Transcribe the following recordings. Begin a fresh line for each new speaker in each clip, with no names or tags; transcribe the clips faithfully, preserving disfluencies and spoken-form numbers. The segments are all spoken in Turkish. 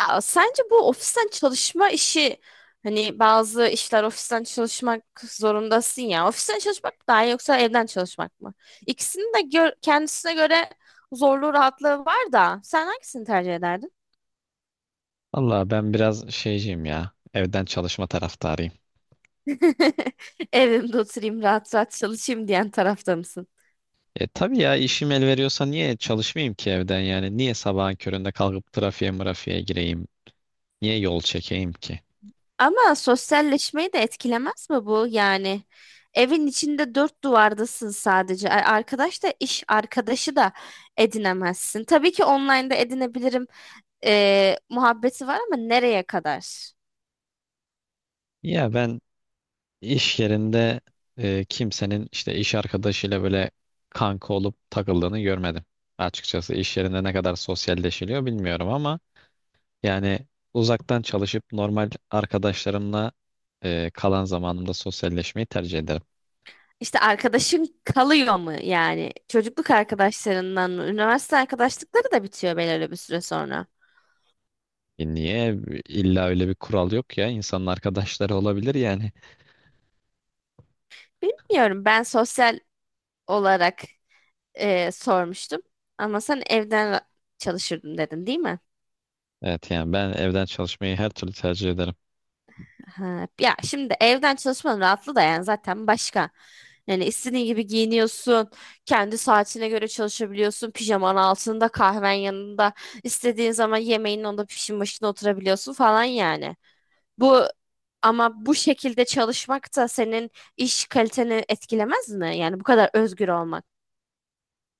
Ya sence bu ofisten çalışma işi hani bazı işler ofisten çalışmak zorundasın ya. Ofisten çalışmak mı daha iyi yoksa evden çalışmak mı? İkisinin de gö- kendisine göre zorluğu rahatlığı var da sen hangisini tercih ederdin?
Valla ben biraz şeyciyim ya. Evden çalışma taraftarıyım.
Evimde oturayım rahat rahat çalışayım diyen tarafta mısın?
E tabii ya işim el veriyorsa niye çalışmayayım ki evden yani? Niye sabahın köründe kalkıp trafiğe mırafiğe gireyim? Niye yol çekeyim ki?
Ama sosyalleşmeyi de etkilemez mi bu? Yani evin içinde dört duvardasın sadece. Ar- Arkadaş da iş arkadaşı da edinemezsin. Tabii ki online'da edinebilirim. E, muhabbeti var ama nereye kadar?
Ya ben iş yerinde e, kimsenin işte iş arkadaşıyla böyle kanka olup takıldığını görmedim. Açıkçası iş yerinde ne kadar sosyalleşiliyor bilmiyorum ama yani uzaktan çalışıp normal arkadaşlarımla e, kalan zamanımda sosyalleşmeyi tercih ederim.
İşte arkadaşın kalıyor mu yani? Çocukluk arkadaşlarından mı? Üniversite arkadaşlıkları da bitiyor belirli bir süre sonra.
E niye? İlla öyle bir kural yok ya. İnsanın arkadaşları olabilir yani.
Bilmiyorum. Ben sosyal olarak e, sormuştum. Ama sen evden çalışırdın dedin, değil mi?
Evet yani ben evden çalışmayı her türlü tercih ederim.
Ha, ya şimdi evden çalışmanın rahatlığı da yani zaten başka. Yani istediğin gibi giyiniyorsun. Kendi saatine göre çalışabiliyorsun. Pijaman altında, kahven yanında, istediğin zaman yemeğin onda pişin başına oturabiliyorsun falan yani. Bu ama bu şekilde çalışmak da senin iş kaliteni etkilemez mi? Yani bu kadar özgür olmak.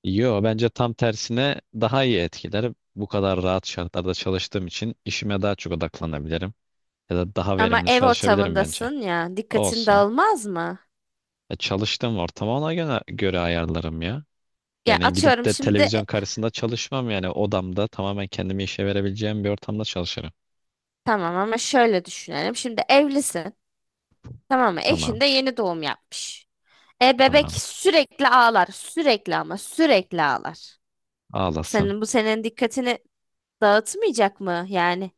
Yo, bence tam tersine daha iyi etkiler. Bu kadar rahat şartlarda çalıştığım için işime daha çok odaklanabilirim. Ya da daha
Ama
verimli
ev
çalışabilirim bence.
ortamındasın ya, dikkatin
Olsun.
dağılmaz mı?
E, çalıştığım ortamı ona göre, göre ayarlarım ya.
Ya
Yani gidip
atıyorum
de
şimdi e,
televizyon karşısında çalışmam, yani odamda tamamen kendimi işe verebileceğim bir ortamda çalışırım.
tamam ama şöyle düşünelim. Şimdi evlisin. Tamam mı? Eşin
Tamam,
de yeni doğum yapmış. E bebek
tamam.
sürekli ağlar. Sürekli ama sürekli ağlar.
Ağlasın.
Senin bu senin dikkatini dağıtmayacak mı yani?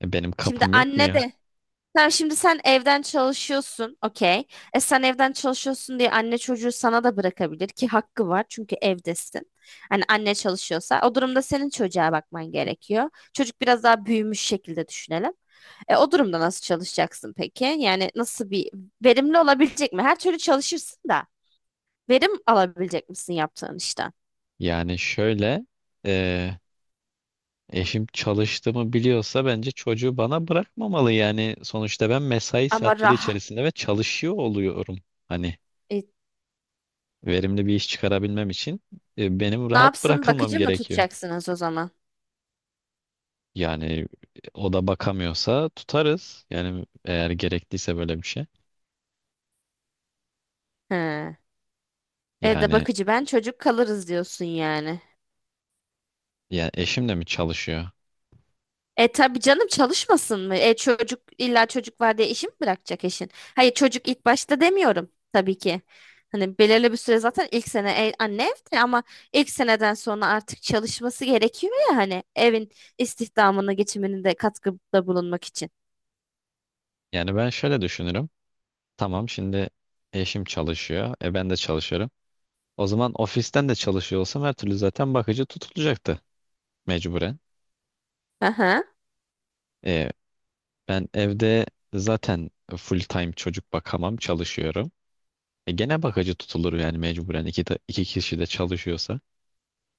E, benim
Şimdi
kapım yok mu
anne
ya?
de Tamam şimdi sen evden çalışıyorsun. Okey. E sen evden çalışıyorsun diye anne çocuğu sana da bırakabilir ki hakkı var çünkü evdesin. Hani anne çalışıyorsa o durumda senin çocuğa bakman gerekiyor. Çocuk biraz daha büyümüş şekilde düşünelim. E, o durumda nasıl çalışacaksın peki? Yani nasıl bir Verimli olabilecek mi? Her türlü çalışırsın da verim alabilecek misin yaptığın işten?
Yani şöyle eee, eşim çalıştığımı biliyorsa bence çocuğu bana bırakmamalı. Yani sonuçta ben mesai
Ama
saatleri
rah
içerisinde ve çalışıyor oluyorum. Hani
e,
verimli bir iş çıkarabilmem için e, benim
Ne
rahat
yapsın?
bırakılmam
Bakıcı mı
gerekiyor.
tutacaksınız o zaman?
Yani e, o da bakamıyorsa tutarız. Yani eğer gerekliyse böyle bir şey.
He. Evde
Yani
bakıcı ben çocuk kalırız diyorsun yani.
ya eşim de mi çalışıyor?
E tabii canım, çalışmasın mı? E çocuk, illa çocuk var diye işi mi bırakacak eşin? Hayır, çocuk ilk başta demiyorum tabii ki. Hani belirli bir süre zaten ilk sene e- anne evde ama ilk seneden sonra artık çalışması gerekiyor ya, hani evin istihdamını geçimini de katkıda bulunmak için.
Yani ben şöyle düşünürüm. Tamam, şimdi eşim çalışıyor. E ben de çalışıyorum. O zaman ofisten de çalışıyor olsam her türlü zaten bakıcı tutulacaktı mecburen.
Aha.
E, ben evde zaten full time çocuk bakamam, çalışıyorum. E, gene bakıcı tutulur yani mecburen iki, ta- iki kişi de çalışıyorsa.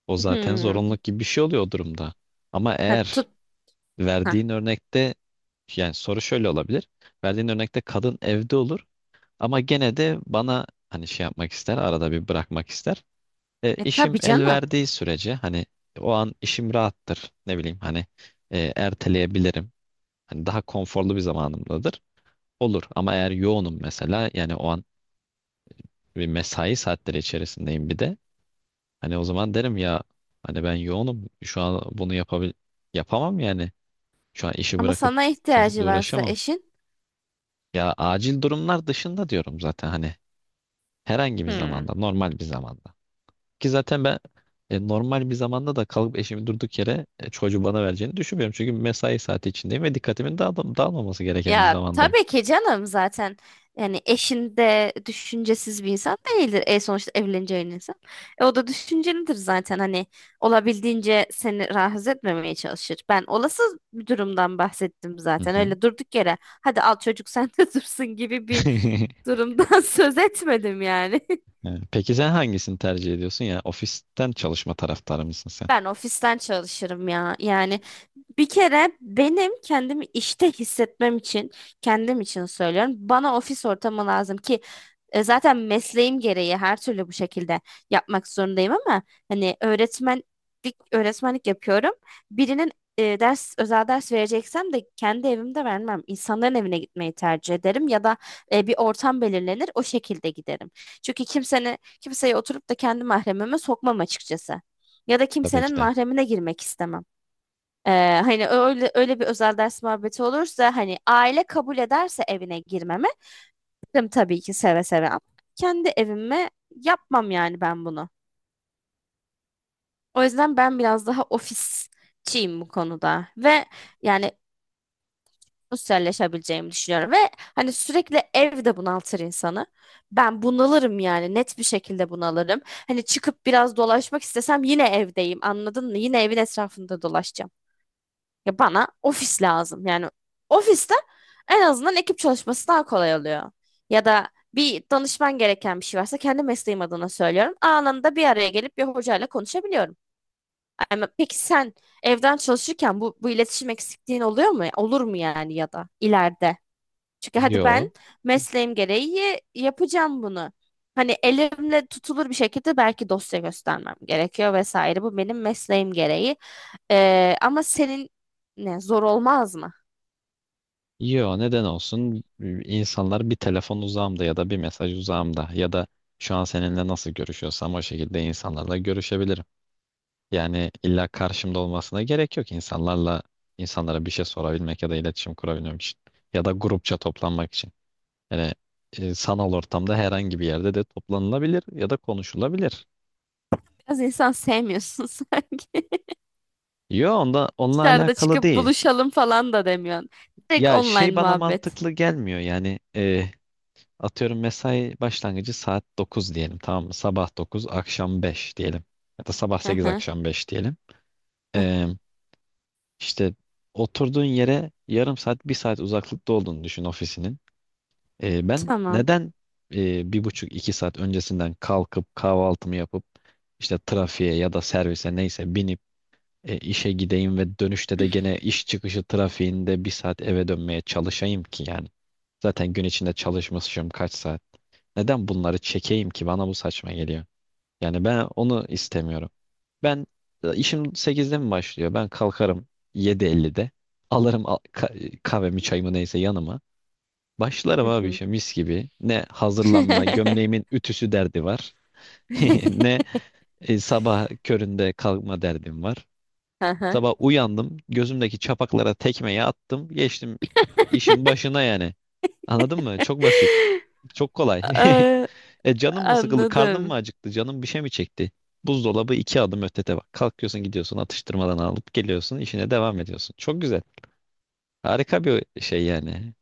O zaten
Hmm.
zorunluluk gibi bir şey oluyor o durumda. Ama
Ha,
eğer
tut. Ha.
verdiğin örnekte yani soru şöyle olabilir. Verdiğin örnekte kadın evde olur ama gene de bana hani şey yapmak ister, arada bir bırakmak ister. E,
E
işim
tabii
el
canım.
verdiği sürece hani o an işim rahattır. Ne bileyim hani e, erteleyebilirim. Hani daha konforlu bir zamanımdadır. Olur ama eğer yoğunum mesela, yani o an bir mesai saatleri içerisindeyim bir de. Hani o zaman derim ya, hani ben yoğunum. Şu an bunu yapabil yapamam yani. Şu an işi
Ama
bırakıp
sana
çocukla
ihtiyacı varsa
uğraşamam.
eşin.
Ya acil durumlar dışında diyorum zaten hani, herhangi bir
Hmm.
zamanda, normal bir zamanda. Ki zaten ben e, normal bir zamanda da kalıp eşimi durduk yere e, çocuğu bana vereceğini düşünmüyorum. Çünkü mesai saati içindeyim ve dikkatimin dağıl- dağılmaması gereken bir
Ya
zamandayım.
tabii ki canım, zaten yani eşin de düşüncesiz bir insan değildir. E sonuçta evleneceğin insan. E, o da düşüncelidir zaten, hani olabildiğince seni rahatsız etmemeye çalışır. Ben olası bir durumdan bahsettim
Hı
zaten.
hı.
Öyle durduk yere hadi al çocuk sen de dursun gibi bir durumdan söz etmedim yani.
Evet. Peki sen hangisini tercih ediyorsun ya? Ofisten çalışma taraftarı mısın sen?
Ben ofisten çalışırım ya. Yani bir kere benim kendimi işte hissetmem için, kendim için söylüyorum. Bana ofis ortamı lazım ki e, zaten mesleğim gereği her türlü bu şekilde yapmak zorundayım ama hani öğretmenlik öğretmenlik yapıyorum. Birinin e, ders özel ders vereceksem de kendi evimde vermem. İnsanların evine gitmeyi tercih ederim ya da e, bir ortam belirlenir o şekilde giderim. Çünkü kimsenin kimseye oturup da kendi mahremime sokmam açıkçası. Ya da
Tabii
kimsenin
ki de.
mahremine girmek istemem. Ee, Hani öyle öyle bir özel ders muhabbeti olursa, hani aile kabul ederse evine girmeme girdim tabii ki seve seve ama kendi evime yapmam yani ben bunu. O yüzden ben biraz daha ofisçiyim bu konuda ve yani sosyalleşebileceğimi düşünüyorum ve hani sürekli ev de bunaltır insanı. Ben bunalırım yani, net bir şekilde bunalırım. Hani çıkıp biraz dolaşmak istesem yine evdeyim, anladın mı? Yine evin etrafında dolaşacağım. Ya bana ofis lazım. Yani ofiste en azından ekip çalışması daha kolay oluyor. Ya da bir danışman gereken bir şey varsa, kendi mesleğim adına söylüyorum, anında bir araya gelip bir hocayla konuşabiliyorum. Ama peki sen evden çalışırken bu, bu iletişim eksikliğin oluyor mu? Olur mu yani, ya da ileride? Çünkü hadi ben
Yo.
mesleğim gereği yapacağım bunu. Hani elimle tutulur bir şekilde belki dosya göstermem gerekiyor vesaire. Bu benim mesleğim gereği. Ee, ama senin ne, zor olmaz mı?
Yo, neden olsun? İnsanlar bir telefon uzağımda ya da bir mesaj uzağımda ya da şu an seninle nasıl görüşüyorsam o şekilde insanlarla görüşebilirim. Yani illa karşımda olmasına gerek yok, insanlarla insanlara bir şey sorabilmek ya da iletişim kurabilmek için, ya da grupça toplanmak için. Yani e, sanal ortamda herhangi bir yerde de toplanılabilir ya da konuşulabilir.
Biraz insan sevmiyorsun sanki.
Yo, onda onunla
Dışarıda
alakalı
çıkıp
değil.
buluşalım falan da demiyorsun. Direkt
Ya şey,
online
bana
muhabbet.
mantıklı gelmiyor yani. E, atıyorum, mesai başlangıcı saat dokuz diyelim, tamam mı? Sabah dokuz akşam beş diyelim, ya da sabah
Hı
sekiz
hı.
akşam beş diyelim.
Hı.
E, işte oturduğun yere yarım saat bir saat uzaklıkta olduğunu düşün ofisinin. E, ben
Tamam.
neden e, bir buçuk iki saat öncesinden kalkıp kahvaltımı yapıp işte trafiğe ya da servise neyse binip e, işe gideyim, ve dönüşte de gene iş çıkışı trafiğinde bir saat eve dönmeye çalışayım ki yani. Zaten gün içinde çalışmışım kaç saat. Neden bunları çekeyim ki, bana bu saçma geliyor. Yani ben onu istemiyorum. Ben, e, işim sekizde mi başlıyor? Ben kalkarım yedi ellide. Alırım a- ka- kahvemi çayımı neyse yanıma. Başlarım
Hı
abi
hı.
işe mis gibi. Ne hazırlanma, gömleğimin ütüsü derdi var. Ne e, sabah köründe kalkma derdim var.
Aha.
Sabah uyandım, gözümdeki çapaklara tekmeyi attım, geçtim işin başına yani. Anladın mı? Çok basit. Çok kolay.
Aa.
E, canım mı sıkıldı, karnım mı
Anladım.
acıktı, canım bir şey mi çekti? Buzdolabı iki adım ötede bak. Kalkıyorsun, gidiyorsun, atıştırmadan alıp geliyorsun, işine devam ediyorsun. Çok güzel. Harika bir şey yani.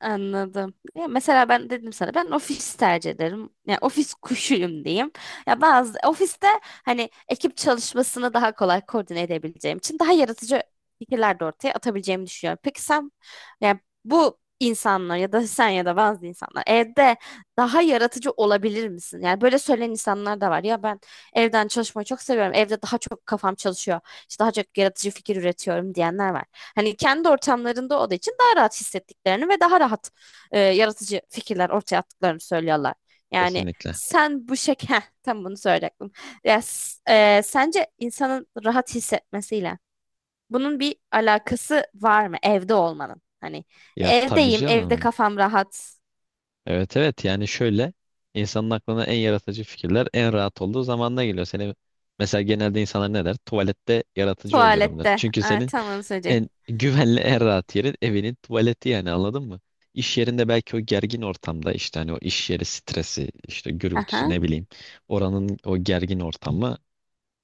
Anladım. Ya mesela ben dedim sana, ben ofis tercih ederim. Yani ofis kuşuyum diyeyim. Ya bazı ofiste hani ekip çalışmasını daha kolay koordine edebileceğim için daha yaratıcı fikirler de ortaya atabileceğimi düşünüyorum. Peki sen, yani bu insanlar ya da sen ya da bazı insanlar evde daha yaratıcı olabilir misin? Yani böyle söyleyen insanlar da var. Ya ben evden çalışmayı çok seviyorum. Evde daha çok kafam çalışıyor, işte daha çok yaratıcı fikir üretiyorum diyenler var. Hani kendi ortamlarında olduğu için daha rahat hissettiklerini ve daha rahat e, yaratıcı fikirler ortaya attıklarını söylüyorlar. Yani
Kesinlikle.
sen bu şek Heh, tam bunu söyleyecektim. Ya, s- e, Sence insanın rahat hissetmesiyle bunun bir alakası var mı evde olmanın? Hani
Ya tabii
evdeyim, evde
canım.
kafam rahat,
Evet evet, yani şöyle, insanın aklına en yaratıcı fikirler en rahat olduğu zamanla geliyor. Seni, mesela genelde insanlar ne der? Tuvalette yaratıcı oluyorum der.
tuvalette.
Çünkü
Aa,
senin
tam onu söyleyecek.
en güvenli en rahat yerin evinin tuvaleti, yani anladın mı? İş yerinde belki o gergin ortamda, işte hani o iş yeri stresi, işte gürültüsü,
Aha,
ne bileyim, oranın o gergin ortamı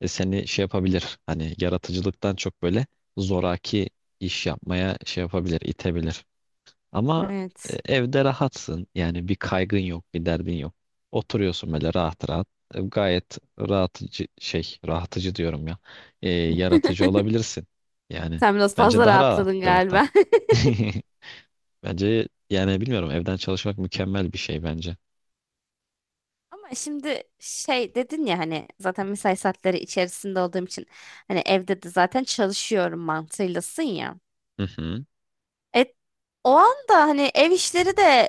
e, seni şey yapabilir, hani yaratıcılıktan çok böyle zoraki iş yapmaya şey yapabilir, itebilir. Ama e,
evet.
evde rahatsın. Yani bir kaygın yok, bir derdin yok. Oturuyorsun böyle rahat rahat. E, gayet rahatıcı şey, rahatıcı diyorum ya. E, yaratıcı olabilirsin. Yani
Sen biraz
bence
fazla
daha rahat
rahatladın
bir ortam.
galiba.
Bence yani bilmiyorum, evden çalışmak mükemmel bir şey bence.
Ama şimdi şey dedin ya, hani zaten mesai saatleri içerisinde olduğum için hani evde de zaten çalışıyorum mantığıylasın ya.
Hı hı.
E, O anda hani ev işleri de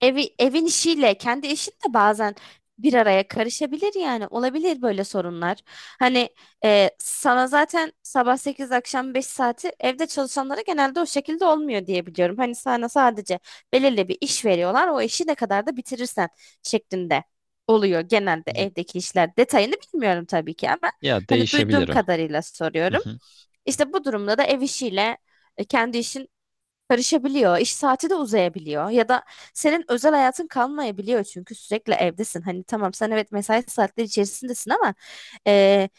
Evi, evin işiyle kendi işin de bazen bir araya karışabilir yani, olabilir böyle sorunlar. Hani e, sana zaten sabah sekiz akşam beş saati evde çalışanlara genelde o şekilde olmuyor diye biliyorum. Hani sana sadece belirli bir iş veriyorlar, o işi ne kadar da bitirirsen şeklinde oluyor genelde
Y-
evdeki işler. Detayını bilmiyorum tabii ki ama
Ya
hani duyduğum
değişebilir o.
kadarıyla
Hı
soruyorum.
hı.
İşte bu durumda da ev işiyle e, kendi işin karışabiliyor. İş saati de uzayabiliyor. Ya da senin özel hayatın kalmayabiliyor çünkü sürekli evdesin. Hani tamam sen evet mesai saatleri içerisindesin ama eee,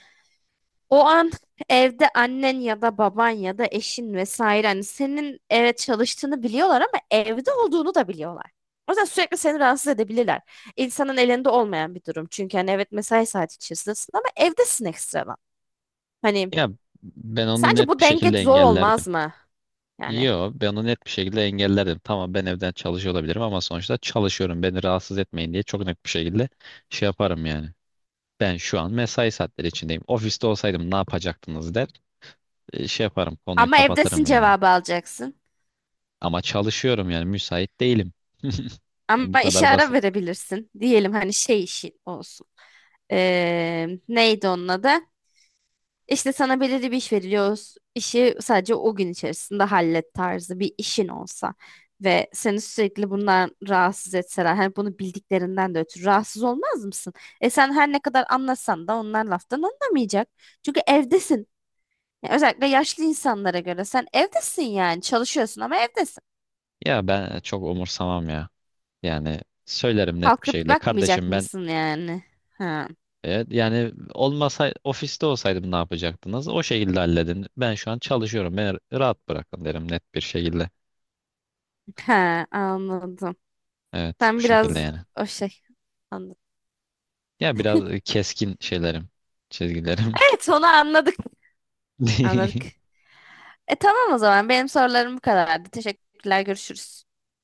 o an evde annen ya da baban ya da eşin vesaire, hani senin evet çalıştığını biliyorlar ama evde olduğunu da biliyorlar. O yüzden sürekli seni rahatsız edebilirler. İnsanın elinde olmayan bir durum. Çünkü hani evet mesai saati içerisindesin ama evdesin ekstradan. Hani
Ya ben onu
sence
net
bu
bir
denge
şekilde
zor
engellerdim.
olmaz mı? Yani
Yo, ben onu net bir şekilde engellerdim. Tamam, ben evden çalışıyor olabilirim ama sonuçta çalışıyorum. Beni rahatsız etmeyin diye çok net bir şekilde şey yaparım yani. Ben şu an mesai saatleri içindeyim. Ofiste olsaydım ne yapacaktınız, der. E, şey yaparım, konuyu
ama evdesin
kapatırım yani.
cevabı alacaksın.
Ama çalışıyorum yani, müsait değilim. Bu
Ama işe
kadar
ara
basit.
verebilirsin. Diyelim hani şey işi olsun. Ee, neydi onun adı? İşte sana belirli bir iş veriliyor. O s- işi sadece o gün içerisinde hallet tarzı bir işin olsa ve seni sürekli bundan rahatsız etseler, hani bunu bildiklerinden de ötürü rahatsız olmaz mısın? E sen her ne kadar anlasan da onlar laftan anlamayacak. Çünkü evdesin. Yani özellikle yaşlı insanlara göre sen evdesin, yani çalışıyorsun ama evdesin.
Ya ben çok umursamam ya. Yani söylerim net bir
Kalkıp
şekilde.
bakmayacak
Kardeşim ben
mısın yani? Ha,
evet, yani olmasa ofiste olsaydım ne yapacaktınız? O şekilde halledin. Ben şu an çalışıyorum. Beni rahat bırakın, derim net bir şekilde.
ha, anladım.
Evet, bu
Sen
şekilde
biraz
yani.
o şey anladım.
Ya biraz keskin şeylerim, çizgilerim.
Evet, onu anladık. Anladık. E tamam, o zaman benim sorularım bu kadardı. Teşekkürler, görüşürüz.